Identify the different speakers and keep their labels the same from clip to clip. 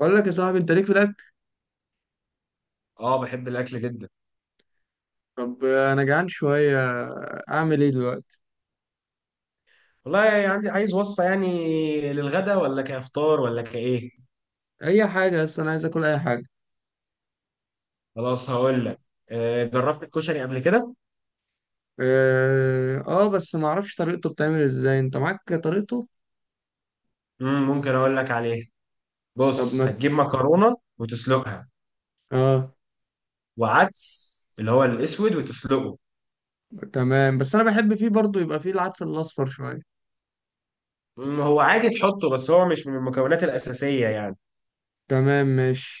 Speaker 1: بقول لك يا صاحبي، انت ليك في الاكل.
Speaker 2: اه، بحب الاكل جدا.
Speaker 1: طب، انا جعان شويه. اعمل ايه دلوقتي؟
Speaker 2: والله، يعني عندي عايز وصفه يعني للغدا ولا كافطار ولا كايه.
Speaker 1: اي حاجه، بس انا عايز اكل اي حاجه.
Speaker 2: خلاص، هقول لك. جربت الكشري قبل كده؟
Speaker 1: اه. بس ما اعرفش طريقته، بتعمل ازاي؟ انت معاك طريقته؟
Speaker 2: ممكن اقول لك عليه.
Speaker 1: طب
Speaker 2: بص،
Speaker 1: ما.
Speaker 2: هتجيب مكرونه وتسلقها،
Speaker 1: اه.
Speaker 2: وعدس اللي هو الاسود وتسلقه.
Speaker 1: تمام، بس انا بحب فيه برضو يبقى فيه العدس الاصفر شويه.
Speaker 2: هو عادي تحطه، بس هو مش من المكونات الاساسيه يعني.
Speaker 1: تمام، ماشي،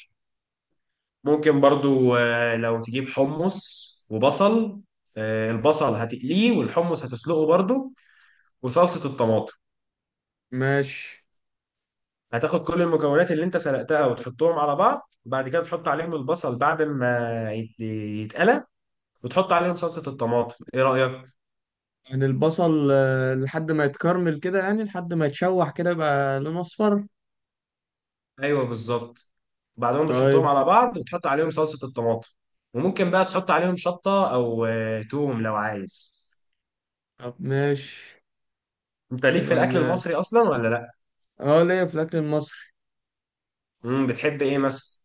Speaker 2: ممكن برضو، لو تجيب حمص وبصل. البصل هتقليه، والحمص هتسلقه برضو، وصلصه الطماطم.
Speaker 1: ماشي.
Speaker 2: هتاخد كل المكونات اللي انت سلقتها وتحطهم على بعض، بعد كده تحط عليهم البصل بعد ما يتقلى، وتحط عليهم صلصة الطماطم. ايه رأيك؟
Speaker 1: يعني البصل، لحد ما يتكرمل كده، يعني لحد ما يتشوح كده يبقى لونه اصفر.
Speaker 2: ايوه، بالظبط. بعدهم بتحطهم
Speaker 1: طيب.
Speaker 2: على بعض وتحط عليهم صلصة الطماطم. وممكن بقى تحط عليهم شطة او توم لو عايز.
Speaker 1: طب، ماشي.
Speaker 2: انت ليك في
Speaker 1: يبقى
Speaker 2: الاكل
Speaker 1: ن-.
Speaker 2: المصري اصلا ولا لا؟
Speaker 1: اه، ليا في الاكل المصري.
Speaker 2: بتحب ايه مثلا؟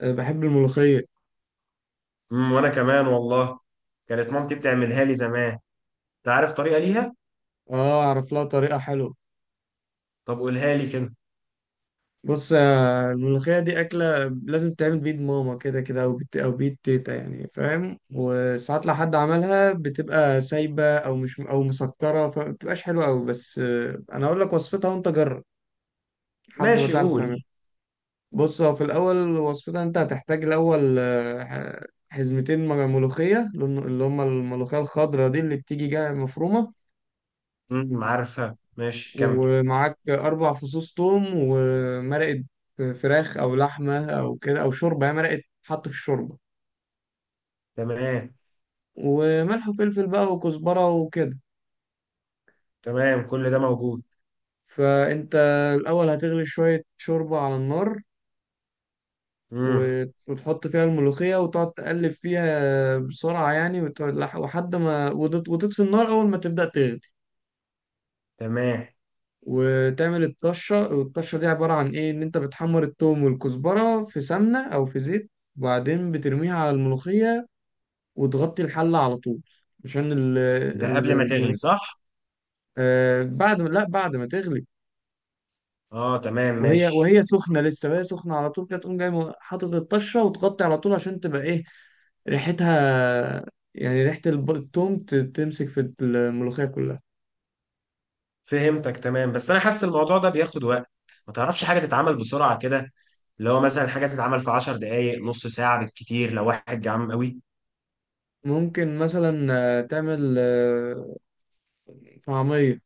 Speaker 1: بحب الملوخيه.
Speaker 2: وانا كمان والله. كانت مامتي بتعملها لي زمان. انت عارف طريقة ليها؟
Speaker 1: اه، اعرف لها طريقة حلوة.
Speaker 2: طب قولها لي كده.
Speaker 1: بص، الملوخية دي أكلة لازم تعمل بيد ماما كده كده، أو بيد تيتا، يعني فاهم. وساعات لو حد عملها بتبقى سايبة، أو مش أو مسكرة، فمبتبقاش حلوة أوي. بس، أنا أقول لك وصفتها وأنت جرب. لحد ما
Speaker 2: ماشي،
Speaker 1: تعرف
Speaker 2: قول.
Speaker 1: تعملها. بص، هو في الأول وصفتها، أنت هتحتاج الأول، حزمتين ملوخية، اللي هم الملوخية الخضراء دي اللي بتيجي جاية مفرومة.
Speaker 2: عارفها، ماشي، كمل.
Speaker 1: ومعاك 4 فصوص توم، ومرقة فراخ أو لحمة أو كده، أو شوربة هي مرقة، حط في الشوربة.
Speaker 2: تمام،
Speaker 1: وملح وفلفل بقى وكزبرة وكده.
Speaker 2: تمام، كل ده موجود.
Speaker 1: فأنت الأول هتغلي شوية شوربة على النار.
Speaker 2: امم.
Speaker 1: وتحط فيها الملوخية، وتقعد تقلب فيها بسرعة يعني، وتقعد وحد ما وتطفي النار أول ما تبدأ تغلي.
Speaker 2: تمام.
Speaker 1: وتعمل الطشة، والطشة دي عبارة عن إيه؟ إن أنت بتحمر التوم والكزبرة في سمنة أو في زيت. وبعدين بترميها على الملوخية. وتغطي الحلة على طول. عشان ال
Speaker 2: ده
Speaker 1: ال
Speaker 2: قبل ما تغلي،
Speaker 1: الملوخية.
Speaker 2: صح؟
Speaker 1: آه. بعد ما لا، بعد ما تغلي.
Speaker 2: اه، تمام،
Speaker 1: وهي
Speaker 2: ماشي.
Speaker 1: وهي سخنة لسه، وهي سخنة على طول كده، تقوم جاي حاطط الطشة وتغطي على طول عشان تبقى ايه؟ ريحتها. يعني ريحة التوم تمسك في الملوخية كلها.
Speaker 2: فهمتك، تمام، بس انا حاسس الموضوع ده بياخد وقت. ما تعرفش حاجه تتعمل بسرعه كده؟ اللي هو مثلا حاجه تتعمل في 10 دقائق، نص ساعه بالكتير، لو واحد جعان قوي.
Speaker 1: ممكن مثلا تعمل طعمية.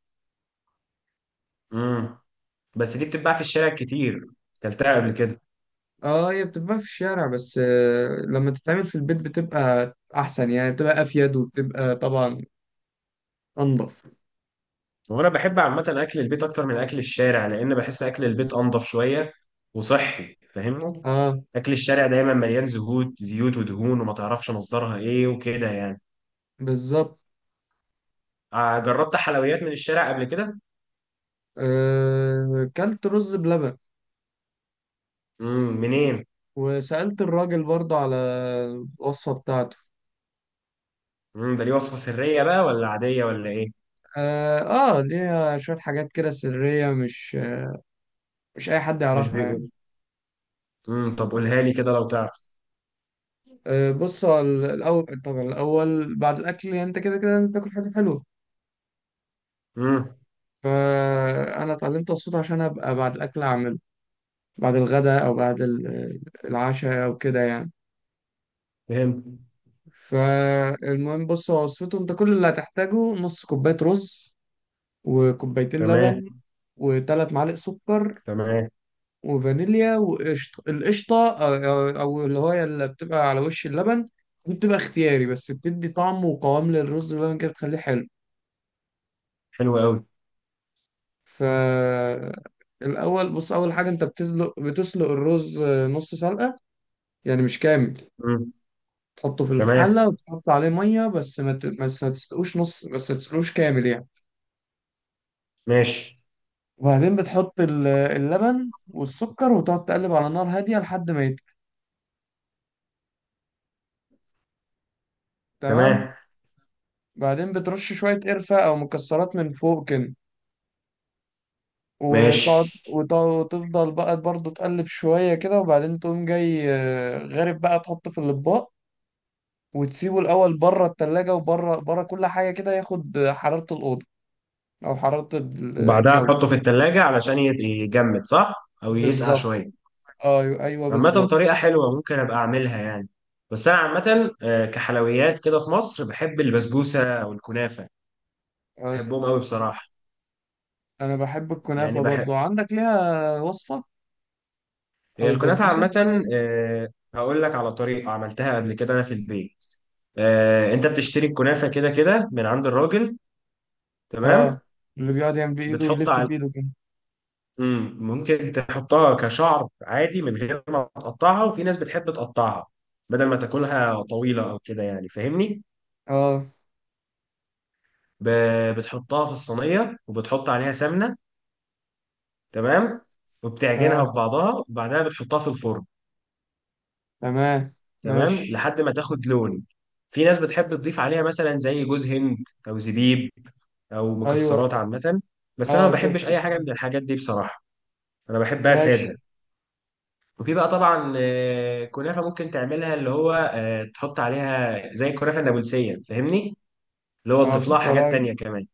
Speaker 2: امم. بس دي بتتباع في الشارع كتير، كلتها قبل كده.
Speaker 1: اه، هي بتتباع في الشارع، بس لما تتعمل في البيت بتبقى احسن، يعني بتبقى افيد، وبتبقى طبعا انضف.
Speaker 2: وانا بحب عامه اكل البيت اكتر من اكل الشارع، لان بحس اكل البيت انضف شويه وصحي، فاهمني.
Speaker 1: اه،
Speaker 2: اكل الشارع دايما مليان زهود زيوت ودهون، وما تعرفش مصدرها ايه وكده يعني.
Speaker 1: بالظبط.
Speaker 2: جربت حلويات من الشارع قبل كده؟
Speaker 1: كلت رز بلبن.
Speaker 2: منين؟
Speaker 1: وسألت الراجل برضه على الوصفة بتاعته.
Speaker 2: ده ليه وصفة سرية بقى ولا عادية ولا ايه؟
Speaker 1: اه. ليها شوية حاجات كده سرية، مش أي حد
Speaker 2: مش
Speaker 1: يعرفها يعني.
Speaker 2: بيقول. طب قولها لي كده لو تعرف.
Speaker 1: آه، بص، هو الأول طبعا، الأول بعد الأكل، يعني أنت كده كده لازم تاكل حاجة حلوة.
Speaker 2: امم
Speaker 1: فأنا اتعلمت الصوت عشان أبقى بعد الأكل أعمله. بعد الغداء، أو بعد العشاء أو كده يعني.
Speaker 2: فهمت.
Speaker 1: فالمهم، بص، هو وصفته، أنت كل اللي هتحتاجه نص كوباية رز. وكوبايتين
Speaker 2: تمام،
Speaker 1: لبن. و3 معالق سكر.
Speaker 2: تمام.
Speaker 1: وفانيليا وقشطة. القشطة، أو أو اللي هو اللي بتبقى على وش اللبن. دي بتبقى اختياري، بس بتدي طعم وقوام للرز باللبن كده، بتخليه حلو.
Speaker 2: حلو قوي.
Speaker 1: ف الأول بص، أول حاجة، أنت بتسلق الرز، نص سلقة. يعني مش كامل.
Speaker 2: امم
Speaker 1: تحطه في
Speaker 2: تمام،
Speaker 1: الحلة وتحط عليه مية، بس ما تسلقوش نص، بس ما تسلقوش كامل يعني.
Speaker 2: ماشي.
Speaker 1: وبعدين بتحط اللبن والسكر، وتقعد تقلب على نار هادية لحد ما يتقل. تمام.
Speaker 2: تمام،
Speaker 1: بعدين بترش شوية قرفة أو مكسرات من فوق كده.
Speaker 2: ماشي.
Speaker 1: وتقعد، وتفضل بقى برضه تقلب شوية كده، وبعدين تقوم جاي غارب بقى تحطه في الأطباق. وتسيبه الأول بره التلاجة، وبره بره كل حاجة كده، ياخد حرارة الأوضة. أو حرارة
Speaker 2: وبعدها
Speaker 1: الجو.
Speaker 2: تحطه في التلاجة علشان يجمد، صح؟ او يسقع
Speaker 1: بالظبط.
Speaker 2: شوية.
Speaker 1: أيوه، أيوه،
Speaker 2: عامة،
Speaker 1: بالظبط.
Speaker 2: طريقة حلوة، ممكن ابقى اعملها يعني. بس انا عامة، كحلويات كده في مصر، بحب البسبوسة والكنافة.
Speaker 1: أيوة.
Speaker 2: بحبهم قوي بصراحة.
Speaker 1: أنا بحب
Speaker 2: يعني
Speaker 1: الكنافة برضه. عندك ليها وصفة؟
Speaker 2: هي
Speaker 1: أو
Speaker 2: الكنافة
Speaker 1: البسبوسة.
Speaker 2: عامة، هقول لك على طريقة عملتها قبل كده أنا في البيت. أنت بتشتري الكنافة كده كده من عند الراجل.
Speaker 1: أه.
Speaker 2: تمام.
Speaker 1: اللي بيقعد يعمل بإيده
Speaker 2: بتحط
Speaker 1: ويلف
Speaker 2: على.
Speaker 1: بإيده كده.
Speaker 2: ممكن تحطها كشعر عادي من غير ما تقطعها، وفي ناس بتحب تقطعها بدل ما تاكلها طويلة أو كده يعني، فاهمني.
Speaker 1: أه.
Speaker 2: بتحطها في الصينية وبتحط عليها سمنة. تمام. وبتعجنها
Speaker 1: أه.
Speaker 2: في بعضها، وبعدها بتحطها في الفرن.
Speaker 1: تمام،
Speaker 2: تمام،
Speaker 1: ماشي.
Speaker 2: لحد ما تاخد لون. في ناس بتحب تضيف عليها مثلا زي جوز هند، او زبيب، او
Speaker 1: ايوه.
Speaker 2: مكسرات عامه. بس انا ما
Speaker 1: اه،
Speaker 2: بحبش
Speaker 1: شفت.
Speaker 2: اي حاجه من الحاجات دي بصراحه، انا بحبها
Speaker 1: ماشي.
Speaker 2: ساده. وفي بقى طبعا كنافه ممكن تعملها، اللي هو تحط عليها زي الكنافه النابلسيه، فاهمني، اللي هو
Speaker 1: اه،
Speaker 2: تضيف لها
Speaker 1: بتحط
Speaker 2: حاجات
Speaker 1: عليها
Speaker 2: تانية كمان.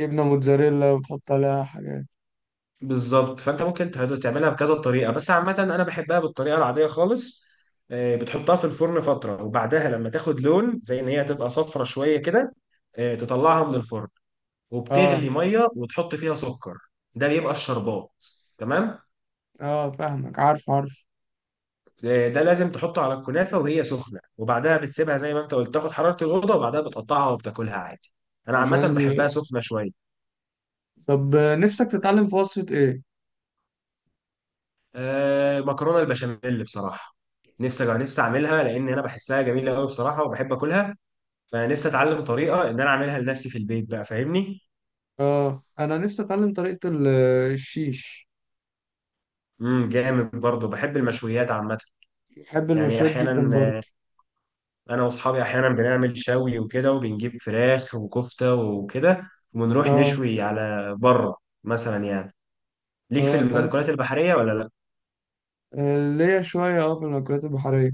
Speaker 1: جبنه موتزاريلا، وبتحط عليها حاجات.
Speaker 2: بالظبط، فانت ممكن تعملها بكذا طريقه، بس عامه انا بحبها بالطريقه العاديه خالص. بتحطها في الفرن فتره، وبعدها لما تاخد لون، زي ان هي تبقى صفرة شويه كده، تطلعها من الفرن،
Speaker 1: اه.
Speaker 2: وبتغلي ميه وتحط فيها سكر، ده بيبقى الشربات. تمام.
Speaker 1: اه، فاهمك، عارف، عارف.
Speaker 2: ده لازم تحطه على الكنافه وهي سخنه، وبعدها بتسيبها زي ما انت قلت تاخد حراره الاوضه، وبعدها بتقطعها وبتاكلها عادي. انا عامه
Speaker 1: عشان ال-.
Speaker 2: بحبها سخنه شويه.
Speaker 1: طب، نفسك تتعلم في وصفه ايه؟
Speaker 2: مكرونه البشاميل بصراحه، نفسي نفسي اعملها، لان انا بحسها جميله قوي بصراحه وبحب اكلها، فنفسي اتعلم طريقه ان انا اعملها لنفسي في البيت بقى، فاهمني.
Speaker 1: اه، انا نفسي اتعلم طريقه الشيش.
Speaker 2: جامد برضه، بحب المشويات عامه.
Speaker 1: بحب
Speaker 2: يعني
Speaker 1: المشويات
Speaker 2: احيانا،
Speaker 1: جدا برضه.
Speaker 2: انا واصحابي احيانا بنعمل شوي وكده، وبنجيب فراخ وكفته وكده، ونروح
Speaker 1: اه،
Speaker 2: نشوي على بره، مثلا يعني. ليك في
Speaker 1: اه، طب،
Speaker 2: المأكولات البحريه ولا لا؟
Speaker 1: ليا شويه، اه، في المأكولات البحريه.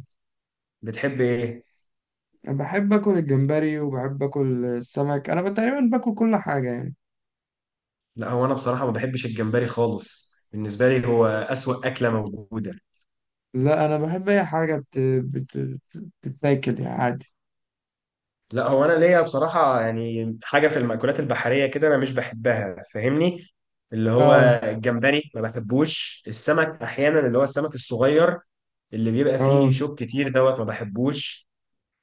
Speaker 2: بتحب ايه؟
Speaker 1: بحب اكل الجمبري، وبحب اكل السمك، انا تقريبا باكل كل حاجه يعني.
Speaker 2: لا، هو انا بصراحه ما بحبش الجمبري خالص، بالنسبه لي هو اسوأ اكله موجوده.
Speaker 1: لا، انا بحب اي حاجه بتتاكل يعني عادي.
Speaker 2: لا، هو انا ليا بصراحه يعني حاجه في المأكولات البحريه كده انا مش بحبها، فاهمني. اللي هو
Speaker 1: اه.
Speaker 2: الجمبري ما بحبوش، السمك احيانا اللي هو السمك الصغير اللي بيبقى فيه
Speaker 1: اه.
Speaker 2: شوك كتير دوت ما بحبوش.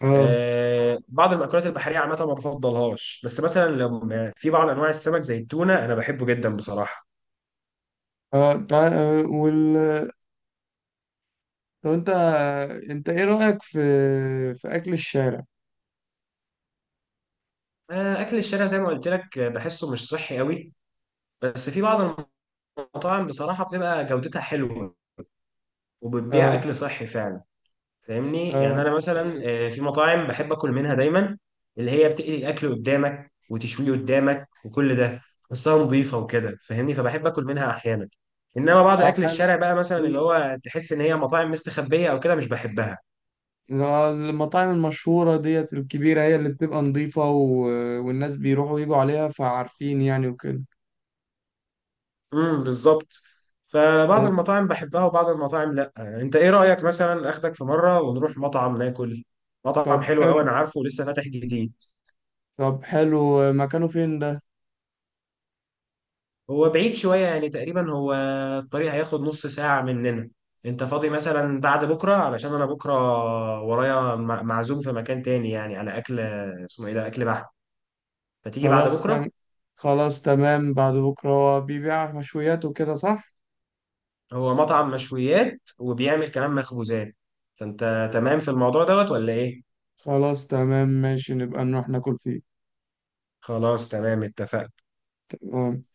Speaker 1: اه.
Speaker 2: بعض المأكولات البحريه عامه ما بفضلهاش، بس مثلا لو في بعض انواع السمك زي التونه، انا بحبه جدا بصراحه.
Speaker 1: اه. تعال، وال. طب، انت ايه رأيك في اكل الشارع؟
Speaker 2: اكل الشارع زي ما قلت لك، بحسه مش صحي قوي، بس في بعض المطاعم بصراحه بتبقى جودتها حلوه، وبتبيع
Speaker 1: اه.
Speaker 2: اكل صحي فعلا، فاهمني. يعني
Speaker 1: اه.
Speaker 2: انا مثلا
Speaker 1: ايوه.
Speaker 2: في مطاعم بحب اكل منها دايما، اللي هي بتقلي الاكل قدامك وتشويه قدامك وكل ده، بس هي نظيفه وكده، فاهمني، فبحب اكل منها احيانا. انما بعض
Speaker 1: اه،
Speaker 2: اكل
Speaker 1: حلو.
Speaker 2: الشارع بقى مثلا، اللي
Speaker 1: الم-
Speaker 2: هو تحس ان هي مطاعم مستخبيه او كده، مش بحبها.
Speaker 1: المطاعم المشهورة ديت الكبيرة، هي اللي بتبقى نظيفة، والناس بيروحوا ويجوا عليها، فعارفين يعني وكده.
Speaker 2: بالظبط. فبعض
Speaker 1: طيب.
Speaker 2: المطاعم بحبها وبعض المطاعم لا. انت ايه رايك مثلا اخدك في مره ونروح مطعم ناكل؟ مطعم
Speaker 1: طب،
Speaker 2: حلو قوي
Speaker 1: حلو.
Speaker 2: انا عارفه، ولسه فاتح جديد.
Speaker 1: طب، حلو، مكانه فين ده؟
Speaker 2: هو بعيد شوية يعني، تقريبا هو الطريق هياخد نص ساعة مننا. انت فاضي مثلا بعد بكرة؟ علشان انا بكرة ورايا معزوم في مكان تاني، يعني على اكل، اسمه ايه ده، اكل بحر، فتيجي بعد
Speaker 1: خلاص
Speaker 2: بكرة.
Speaker 1: تم... خلاص تمام، بعد بكرة هو بيبيع مشويات وكده، صح؟
Speaker 2: هو مطعم مشويات وبيعمل كمان مخبوزات، فانت تمام في الموضوع دوت ولا ايه؟
Speaker 1: خلاص، تمام، ماشي، نبقى نروح ناكل فيه.
Speaker 2: خلاص، تمام، اتفقنا.
Speaker 1: تمام.